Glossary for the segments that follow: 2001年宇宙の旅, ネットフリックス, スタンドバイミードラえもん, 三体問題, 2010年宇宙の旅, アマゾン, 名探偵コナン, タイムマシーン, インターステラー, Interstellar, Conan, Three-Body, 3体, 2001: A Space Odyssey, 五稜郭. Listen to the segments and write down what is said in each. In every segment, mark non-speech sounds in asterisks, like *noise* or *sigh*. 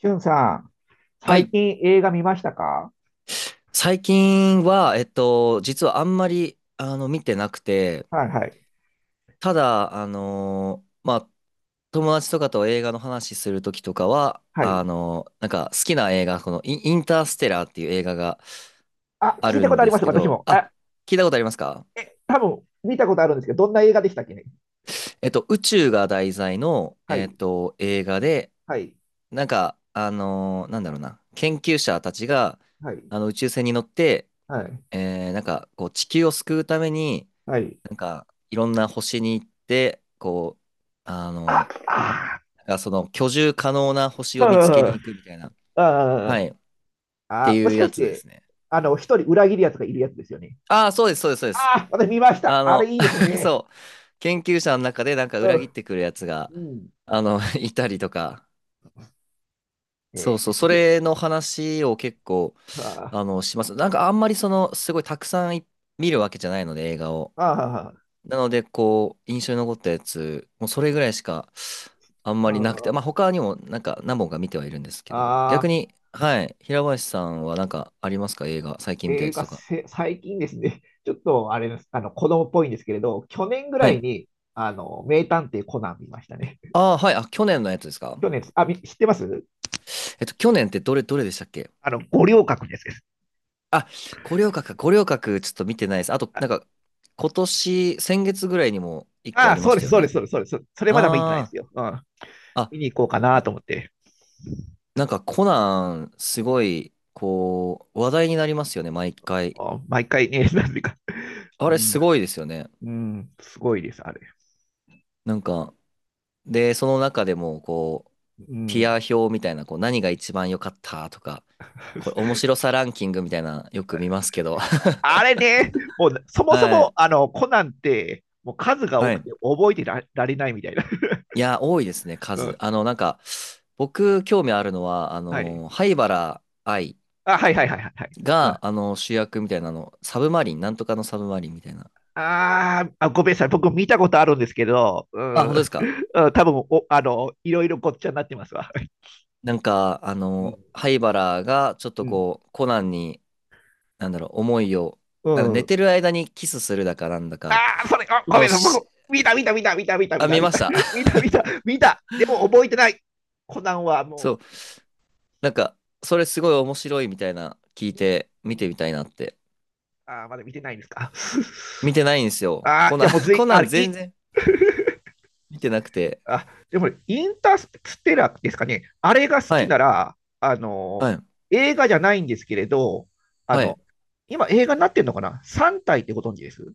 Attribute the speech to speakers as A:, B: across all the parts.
A: しゅんさん、
B: は
A: 最
B: い。
A: 近映画見ましたか？
B: 最近は、実はあんまり、見てなくて、
A: はいはい。
B: ただ、友達とかと映画の話するときとかは、
A: はい。
B: 好きな映画、このインターステラーっていう映画が
A: あ、
B: あ
A: 聞い
B: る
A: たこ
B: ん
A: とあり
B: で
A: ま
B: す
A: す、
B: け
A: 私
B: ど、
A: も。
B: あ、聞いたことありますか？
A: 多分見たことあるんですけど、どんな映画でしたっけね。
B: 宇宙が題材の、
A: はい。
B: 映画で、
A: はい。
B: なんか、あのーなんだろうな、研究者たちが、
A: はい。
B: 宇宙船に乗って、
A: はい。
B: 地球を救うために、
A: はい。
B: いろんな星に行って、あ
A: あ、
B: の、
A: あ
B: その居住可能な星
A: ー、
B: を
A: う
B: 見つけ
A: んう
B: に
A: ん
B: 行くみたいな。は
A: あー、
B: い。って
A: あー、も
B: いう
A: しか
B: や
A: し
B: つで
A: て、
B: すね。
A: 一人裏切るやつがいるやつですよね。
B: ああ、そうです、そうです、そうです。
A: ああ私見ました。
B: あ
A: あれ
B: の、
A: いいです
B: *laughs*
A: ね。
B: そう。研究者の中でなんか裏
A: う
B: 切っ
A: ん。
B: てくるやつが、
A: うん。
B: *laughs* いたりとか。そう
A: え
B: そう、それの話を結構、
A: ー、あー、
B: します。なんかあんまりその、すごいたくさんい見るわけじゃないので、映画を。
A: あー、あ
B: なので、こう、印象に残ったやつ、もうそれぐらいしかあんまりなくて、まあ
A: ー、
B: 他にもなんか何本か見てはいるんですけど、
A: あ
B: 逆
A: ー
B: に、はい、平林さんはなんかありますか？映画、最近見たや
A: 映
B: つ
A: 画
B: とか。
A: せ、最近ですね、*laughs* ちょっとあれです、子供っぽいんですけれど、去年ぐ
B: は
A: らい
B: い。
A: に、名探偵コナン見ましたね。
B: あ
A: *laughs*
B: あ、はい、あ、去年のやつですか？
A: 去年、み知ってます。
B: 去年ってどれ、どれでしたっけ？
A: 五稜郭です。
B: あ、五稜郭か、五稜郭ちょっと見てないです。あと、
A: あ、
B: なんか、今年、先月ぐらいにも一個ありま
A: そう
B: し
A: で
B: た
A: す、
B: よ
A: そうで
B: ね。
A: す、そうです、そうです。それまだ見てないんで
B: あ
A: すよ。うん。
B: あ、あ、
A: 見に行こうかな
B: な、
A: と思って。
B: なんかコナン、すごい、こう、話題になりますよね、毎回。
A: あ毎回ね、*laughs* なんていうか。う
B: あれ
A: ん、
B: すごいですよね。
A: うすごいです、あれ。
B: なんか、で、その中でも、こう、
A: う
B: ティア
A: ん。
B: 表みたいな、こう、何が一番良かったとか、これ、面
A: *laughs*
B: 白さランキングみたいな、よく見ますけど。*laughs*
A: あれね、もう、そもそ
B: は
A: も、
B: い。
A: コナンって、もう数が多
B: は
A: く
B: い。
A: て覚えてら、られないみたいな。
B: いや、多いですね、
A: *laughs* う
B: 数。
A: ん。
B: 僕、興味あるのは、
A: はい。
B: 灰原哀
A: あ、はいはいはいはい。はい。うん。
B: が、主役みたいなの、サブマリン、なんとかのサブマリンみたいな。
A: あーあ、ごめんなさい、僕見たことあるんですけど、う
B: あ、
A: ん、
B: 本当ですか？
A: *laughs* うん多分おあのいろいろごっちゃになってますわ。
B: なんか、
A: うん
B: 灰原が、ちょっ
A: う
B: と
A: ん
B: こう、コナンに、なんだろう、思いを、
A: う
B: なんか寝
A: ん、
B: てる間にキスするだかなんだか
A: ああ、それ、あ、ごめ
B: の
A: んなさい、僕、
B: し、
A: 見た、見た、見た、見た、見た、見
B: あ、
A: た、
B: 見
A: 見
B: まし
A: た、
B: た。
A: 見
B: *laughs*
A: た、見た、見た、でも覚えてない。コナンは
B: そ
A: も
B: う、なんか、それすごい面白いみたいな聞い
A: う、
B: て、
A: う
B: 見て
A: ん、
B: みたいなって。
A: ああ、まだ見てないんですか？*laughs*
B: 見てないんですよ。
A: ああ、
B: コ
A: じ
B: ナ
A: ゃ
B: ン、
A: あもう
B: *laughs*
A: ずい、
B: コナ
A: あ
B: ン
A: れ、
B: 全
A: い、
B: 然見てなくて。
A: あ、でもね、インターステラーですかね。あれが好
B: は
A: きな
B: い、
A: ら、
B: はい、
A: 映画じゃないんですけれど、あ
B: は
A: の、
B: い。
A: 今映画になってるのかな？ 3 体ってご存知です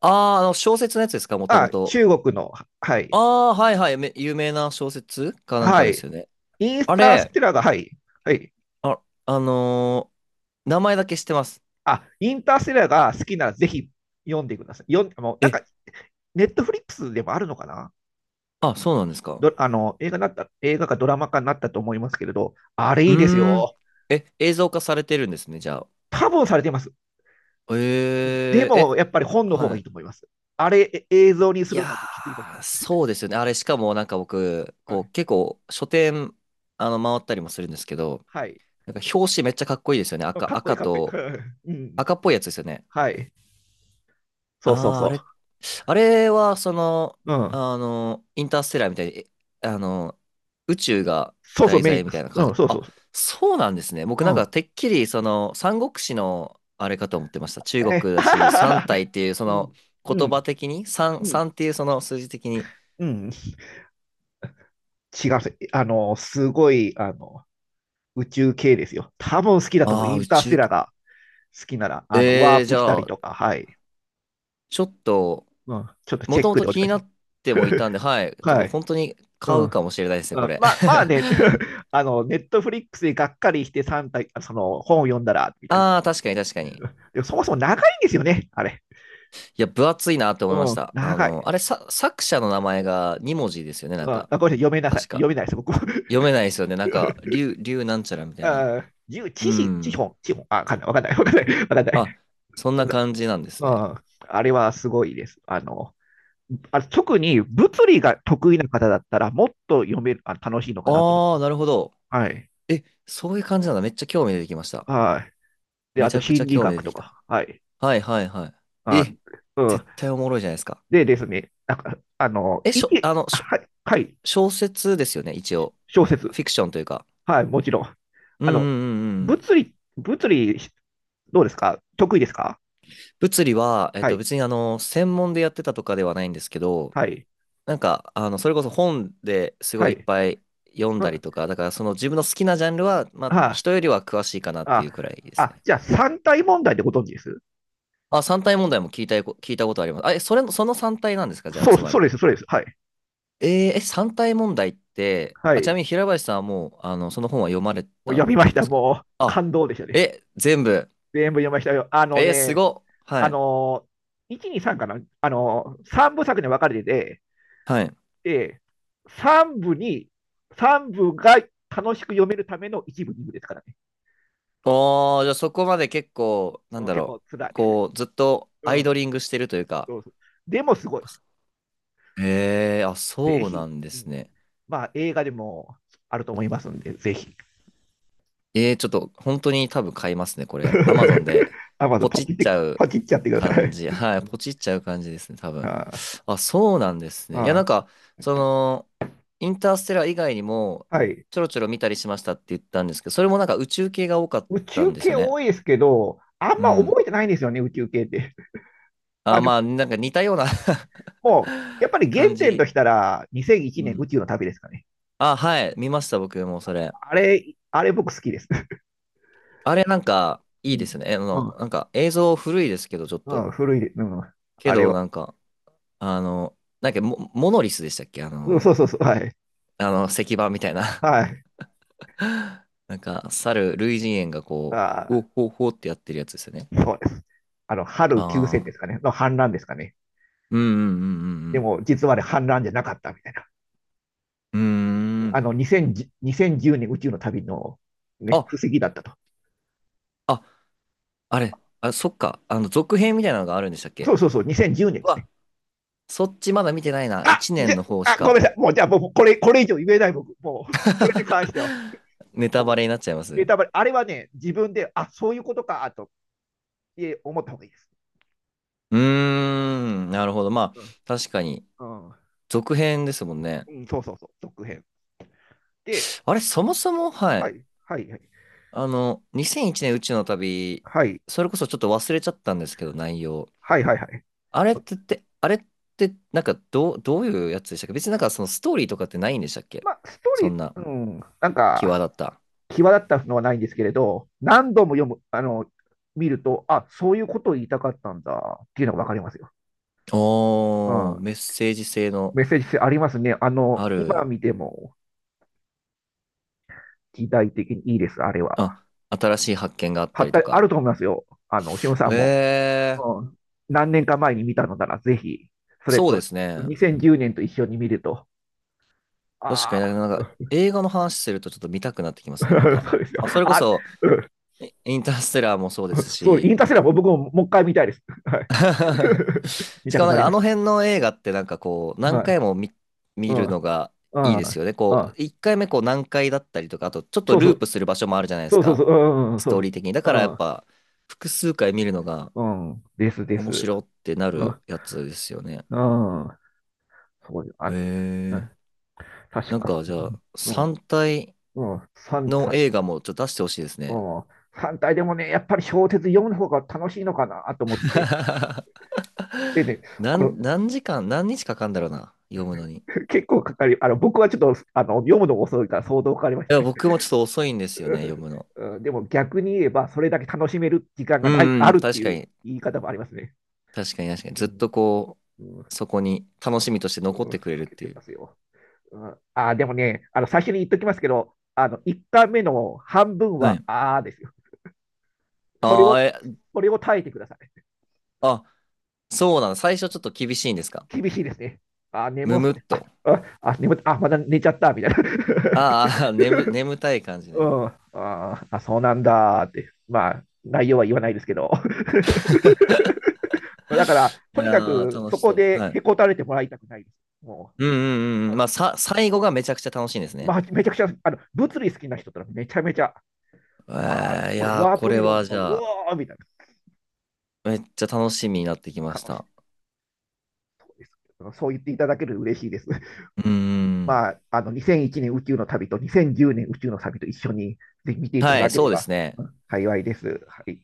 B: あー、小説のやつですか、もともと。
A: 中国の、はい、
B: あー、はいはい、有名な小説かなん
A: は
B: かで
A: い。
B: すよね。
A: イン
B: あ
A: タース
B: れ、
A: テラーが、はい、はい。
B: あ、あの名前だけ知ってます。
A: インターステラーが好きならぜひ読んでください。読ん、もうなん
B: え、
A: か、ネットフリックスでもあるのかな？
B: あ、そうなんですか。
A: ど、あの、映画になった、映画かドラマ化になったと思いますけれど、あれ
B: う
A: いいです
B: ーん。
A: よ。
B: え、映像化されてるんですね、じゃあ。
A: 多分されてます。で
B: ええ
A: も、
B: え、
A: やっぱり本の方が
B: は
A: いいと思
B: い。
A: います。あれ、映像にす
B: い
A: るの
B: や
A: はちょっときついと思いま
B: ー、
A: す。
B: そうですよね。あれ、しかもなんか僕、
A: は
B: こ
A: い。
B: う、結構、書店、回ったりもするんですけど、
A: はい。
B: なんか表紙めっちゃかっこいいですよね。
A: かっこいい、
B: 赤
A: かっこいい。
B: と、
A: *laughs* うん。
B: 赤っぽいやつですよね。
A: はい。そうそう
B: ああ、あ
A: そ
B: れ、あれは、その、
A: う。うん。
B: インターステラーみたいに、えあの、宇宙が
A: そうそう、
B: 題
A: メイン。
B: 材みたいな感
A: うん、
B: じ。
A: そうそ
B: あ、
A: うそ
B: そうなんですね。僕
A: う。う
B: なんか、
A: ん。
B: てっきり、その、三国志の、あれかと思ってました。中
A: え
B: 国だし、三
A: ー
B: 体っていう、そ
A: *laughs*、う
B: の、
A: ん、う
B: 言葉
A: ん、
B: 的に、
A: うん、
B: 三っていう、その数字的に。
A: うん。違う、あの、すごい、あの、宇宙系ですよ。多分好きだと思う。
B: ああ、
A: イン
B: 宇
A: ターステ
B: 宙
A: ラー
B: き、
A: が好きなら、ワ
B: え
A: ー
B: ー、じ
A: プした
B: ゃ
A: り
B: あ、
A: とか、はい。
B: ちょっと、
A: うん、ちょっと
B: も
A: チェ
B: と
A: ッ
B: も
A: ク
B: と
A: でお
B: 気
A: 願
B: に
A: いし
B: な
A: ま
B: っ
A: す。
B: てもいたんで、
A: *laughs*
B: はい、ちょっ
A: は
B: と
A: い。
B: 本当に
A: う
B: 買
A: ん。
B: うかもしれないですね、
A: う
B: こ
A: ん、
B: れ。
A: まあ、まあね、
B: *laughs*
A: *laughs* ネットフリックスでがっかりして3体、本を読んだら、みたいな。
B: ああ、確かに確かに。
A: *laughs* でもそもそも長いんですよね、あれ。
B: いや、分厚いなって思いま
A: う
B: し
A: ん、
B: た。あ
A: 長
B: の、
A: い。
B: あれ、さ、作者の名前が二文字ですよね、な
A: う
B: ん
A: ん、
B: か。
A: あごめんなさい、読めなさい。
B: 確
A: 読
B: か。
A: めないです、僕も。
B: 読めないですよね。なんか、
A: *laughs*
B: 竜なんちゃらみたいな。
A: あ十知
B: う
A: 識、知
B: ん。
A: 本、知本。あ、わかんな
B: あ、
A: い。
B: そんな感じなんで
A: う
B: すね。
A: ん、あれはすごいです。あ特に物理が得意な方だったら、もっと読める、あ楽しいのかなと思って
B: ああ
A: ます。
B: なるほど。
A: はい。
B: え、そういう感じなんだ。めっちゃ興味出てきました。
A: はい。で、
B: め
A: あ
B: ち
A: と
B: ゃくちゃ
A: 心理
B: 興味出
A: 学
B: て
A: と
B: きた。
A: か。はい。
B: はいはいはい。
A: あ、
B: え、
A: う
B: 絶
A: ん。
B: 対おもろいじゃないですか。
A: でですね、なんか、
B: え、
A: い
B: しょ、
A: け、
B: あの、しょ、
A: はい、はい、
B: 小説ですよね、一応。
A: 小説。
B: フィクションというか。
A: はい、もちろん。
B: うん
A: あ
B: う
A: の、
B: んうんうん。
A: 物理、どうですか得意ですか？
B: 物理は、
A: はい、
B: 別にあの、専門でやってたとかではないんですけど、
A: はい、
B: なんか、それこそ本ですご
A: は
B: いいっ
A: い。
B: ぱい読んだり
A: は、
B: とか、だからその自分の好きなジャンルは、まあ、
A: は
B: 人よりは詳しいかなってい
A: あ、
B: うくらいで
A: あ、
B: す
A: あ
B: ね。
A: じゃあ三体問題でご存知です
B: あ、三体問題も聞いたこ、聞いたことあります。あ、え、それ、その三体なんですかじゃあ、
A: そ
B: つ
A: う、
B: ま
A: そう
B: り。
A: です、そうです。はい、
B: えーえ、三体問題って、
A: は
B: あ、ちなみ
A: い。
B: に平林さんはもう、その本は読まれ
A: もう
B: たっ
A: 読みま
B: て
A: し
B: ことで
A: た。
B: すか？
A: もう
B: あ、
A: 感動でしたね。
B: え、全部。
A: 全部読みましたよ。あの
B: えーす
A: ね、
B: ごっ。は
A: あ
B: い。
A: の、1、2、3かなあの、3部作に分かれてて、
B: はい。
A: えー、3部に、3部が楽しく読めるための1部、2部ですからね。
B: おー、じゃあそこまで結構、なん
A: うん、
B: だ
A: 結
B: ろ
A: 構辛い。
B: う。こう、ずっ
A: *laughs*
B: と
A: う
B: アイ
A: ん、
B: ドリングしてるというか、
A: そうそう。でもすごい。
B: ええあ、
A: ぜ
B: そう
A: ひ。
B: なんで
A: う
B: す
A: ん、
B: ね。
A: まあ、映画でもあると思いますんで、ぜひ。
B: ええちょっと本当に多分買いますね、これ。アマゾンで
A: *laughs* アマゾン
B: ポ
A: パ
B: チ
A: チ
B: っ
A: っ
B: ち
A: て、
B: ゃ
A: パ
B: う
A: チっちゃってくださ
B: 感
A: い。*laughs*
B: じ。*laughs* はい、ポチっちゃう感じですね、多分。
A: あ
B: あ、そうなんですね。いや、なん
A: あ
B: か、その、インターステラー以外にも、
A: はい。
B: ちょろちょろ見たりしましたって言ったんですけど、それもなんか宇宙系が多かっ
A: 宇
B: た
A: 宙
B: んです
A: 系
B: よね。
A: 多いですけど、あん
B: う
A: ま
B: ん。
A: 覚えてないんですよね、宇宙系って。*laughs* まあ、
B: あ、
A: で
B: まあ、なんか似たような
A: も、やっぱり
B: *laughs* 感
A: 原点と
B: じ。
A: したら、2001
B: う
A: 年宇
B: ん。
A: 宙の旅ですかね。
B: あ、はい、見ました、僕もそれ。
A: あれ僕好きです。
B: あれなんか、
A: *laughs* う
B: いいで
A: ん。
B: すね。
A: うん、
B: なんか映像古いですけど、ちょっ
A: う
B: と。
A: ん、古い、うん、
B: け
A: あれ
B: ど、
A: は。
B: なんか、モノリスでしたっけ？あ
A: うん、そ
B: の、
A: うそうそう、はい。
B: 石板みたいな
A: はい。
B: *laughs* なんか、類人猿がこう、
A: あ
B: おほほってやってるやつですよね。
A: ー、そうです。春休戦
B: あ
A: で
B: あ、
A: すかね、の反乱ですかね。
B: うんうんう
A: で
B: ん
A: も、実はあれ反乱じゃなかったみたいな。
B: うんうん。うーん。
A: 2010年宇宙の旅の、ね、
B: あ、
A: 布石だったと。
B: あ、あれ、あ、そっか。続編みたいなのがあるんでしたっ
A: そ
B: け？
A: うそうそう、2010年
B: う
A: ですね。
B: わ、そっちまだ見てないな。
A: あ、
B: 1
A: じゃ、
B: 年の方し
A: あ、ごめん
B: か
A: なさい。もう、じゃあ、僕、これ、これ以上言えない、僕。もう、これに関しては、
B: *laughs* ネタ
A: も
B: バレになっちゃいま
A: う、ネ
B: す
A: タバレ、あれはね、自分で、あ、そういうことか、と、思った方がいいです。
B: うーん、なるほど。まあ、
A: う
B: 確かに、
A: ん、うん、
B: 続編ですもんね。
A: うん、そうそうそう、続編。で、
B: あれ、そもそも、は
A: は
B: い。
A: い、はい、はい。
B: あの、2001年宇宙の旅、
A: はい。
B: それこそちょっと忘れちゃったんですけど、内容。
A: はいはいはい。
B: あれってって、あれって、なんか、どういうやつでしたっけ？別になんか、そのストーリーとかってないんでしたっけ？
A: まあ、ストー
B: そ
A: リ
B: んな、
A: ー、ん、なん
B: 際
A: か、
B: 立った。
A: 際立ったのはないんですけれど、何度も読む、見ると、あ、そういうことを言いたかったんだっていうのがわかりますよ。う
B: おー、
A: ん。
B: メッセージ性の
A: メッセージ性ありますね。
B: あ
A: 今
B: る、
A: 見ても時代的にいいです、あれは。
B: あ、新しい発見があっ
A: は
B: た
A: っ
B: りと
A: たある
B: か。
A: と思いますよ。しおさんも。
B: え
A: うん。何年か前に見たのなら、ぜひ、そ
B: ー、
A: れ
B: そうで
A: と、
B: すね。
A: 2010年と一緒に見ると、
B: 確
A: あ
B: かに
A: あ、
B: なんか映画の話するとちょっと見たくなってきますね、また。
A: *laughs* そうですよ。
B: まあ、それこ
A: あ、
B: そ、
A: う
B: インターステラーもそうです
A: ん、そう、イン
B: し、
A: ターセラーも僕ももう一回見たいです。はい。
B: *laughs*
A: *laughs* 見
B: し
A: た
B: かも
A: く
B: な
A: な
B: ん
A: り
B: かあ
A: まし
B: の辺の映画ってなんかこう、
A: た。
B: 何
A: はい。
B: 回も見、
A: う
B: 見る
A: ん。
B: のが
A: う
B: いいです
A: ん。
B: よね。こ
A: あ、
B: う、1回目こう何回だったりとか、あとちょっと
A: そうそ
B: ルー
A: う。
B: プする場所もあるじゃないで
A: そ
B: す
A: うそうそ
B: か、
A: う。うんうん。
B: ス
A: そ
B: トー
A: う
B: リー的に。だ
A: そ
B: からやっ
A: う。
B: ぱ、複数回見るのが
A: うん。うん。です、で
B: 面
A: す。
B: 白ってな
A: う
B: る
A: ん。
B: やつですよね。
A: うん。そうよ。あ、
B: へ
A: う
B: え。
A: ん。確
B: なん
A: か、
B: かじゃあ、
A: うん。
B: 3体
A: うん。3
B: の
A: 体。
B: 映画もちょっと出してほしいですね。
A: うん。3体でもね、やっぱり小説読む方が楽しいのかなと思って。
B: *laughs*
A: でね、あの、
B: 何時間、何日かかんだろうな。読むのに。い
A: 結構かかり、僕はちょっと、読むのが遅いから相当かかりました
B: や、
A: ね。
B: 僕もちょっと遅いんですよね、読
A: *laughs*
B: むの。
A: うんうんでも逆に言えば、それだけ楽しめる時間
B: う
A: がない、
B: ん
A: あ
B: うん、
A: るって
B: 確か
A: いう
B: に。
A: 言い方もありますね。
B: 確かに確かに。
A: う
B: ずっと
A: ん
B: こ
A: うん、
B: う、そこに楽しみとして残っ
A: 老
B: てくれるっ
A: け
B: て
A: て
B: いう。
A: ますよ。うん、あ、でもね、最初に言っときますけど、1回目の半分
B: は
A: は、
B: い。
A: あーですよ。それ
B: あ
A: を、
B: あ、え、
A: それを耐えてください。
B: あ、そうなの。最初ちょっと厳しいんですか？
A: 厳しいですね。あ、眠
B: む
A: っ
B: むっ
A: て、あ、
B: と。
A: あ、あ眠って、あ、まだ寝ちゃった、みたいな。*laughs*
B: あーあー、眠たい感じ
A: う
B: ね。
A: ん、ああ、そうなんだって。まあ、内容は言わないですけど。
B: *laughs*
A: *laughs* だから、
B: い
A: とにか
B: やー、
A: く、
B: 楽
A: そ
B: し
A: こ
B: そう。
A: で
B: は
A: へ
B: い。
A: こたれてもらいたくないです。も
B: うんうんうんうん。まあ、最後がめちゃくちゃ楽しいんです
A: う、
B: ね。
A: まあ、めちゃくちゃ、物理好きな人たらめちゃめちゃ、あ
B: え
A: あ、
B: ー、い
A: この
B: やー、
A: ワー
B: こ
A: プ
B: れ
A: 理論
B: は
A: とか、
B: じ
A: う
B: ゃあ、
A: わーみたいな。
B: めっちゃ楽しみになってきま
A: か
B: し
A: もしれ
B: た。
A: ないそうです。そう言っていただけると嬉しいです。
B: うー
A: *laughs*
B: ん。
A: まあ、2001年宇宙の旅と2010年宇宙の旅と一緒に、ぜひ見ていた
B: は
A: だ
B: い、
A: け
B: そ
A: れ
B: うです
A: ば
B: ね。
A: うん幸いです。はい。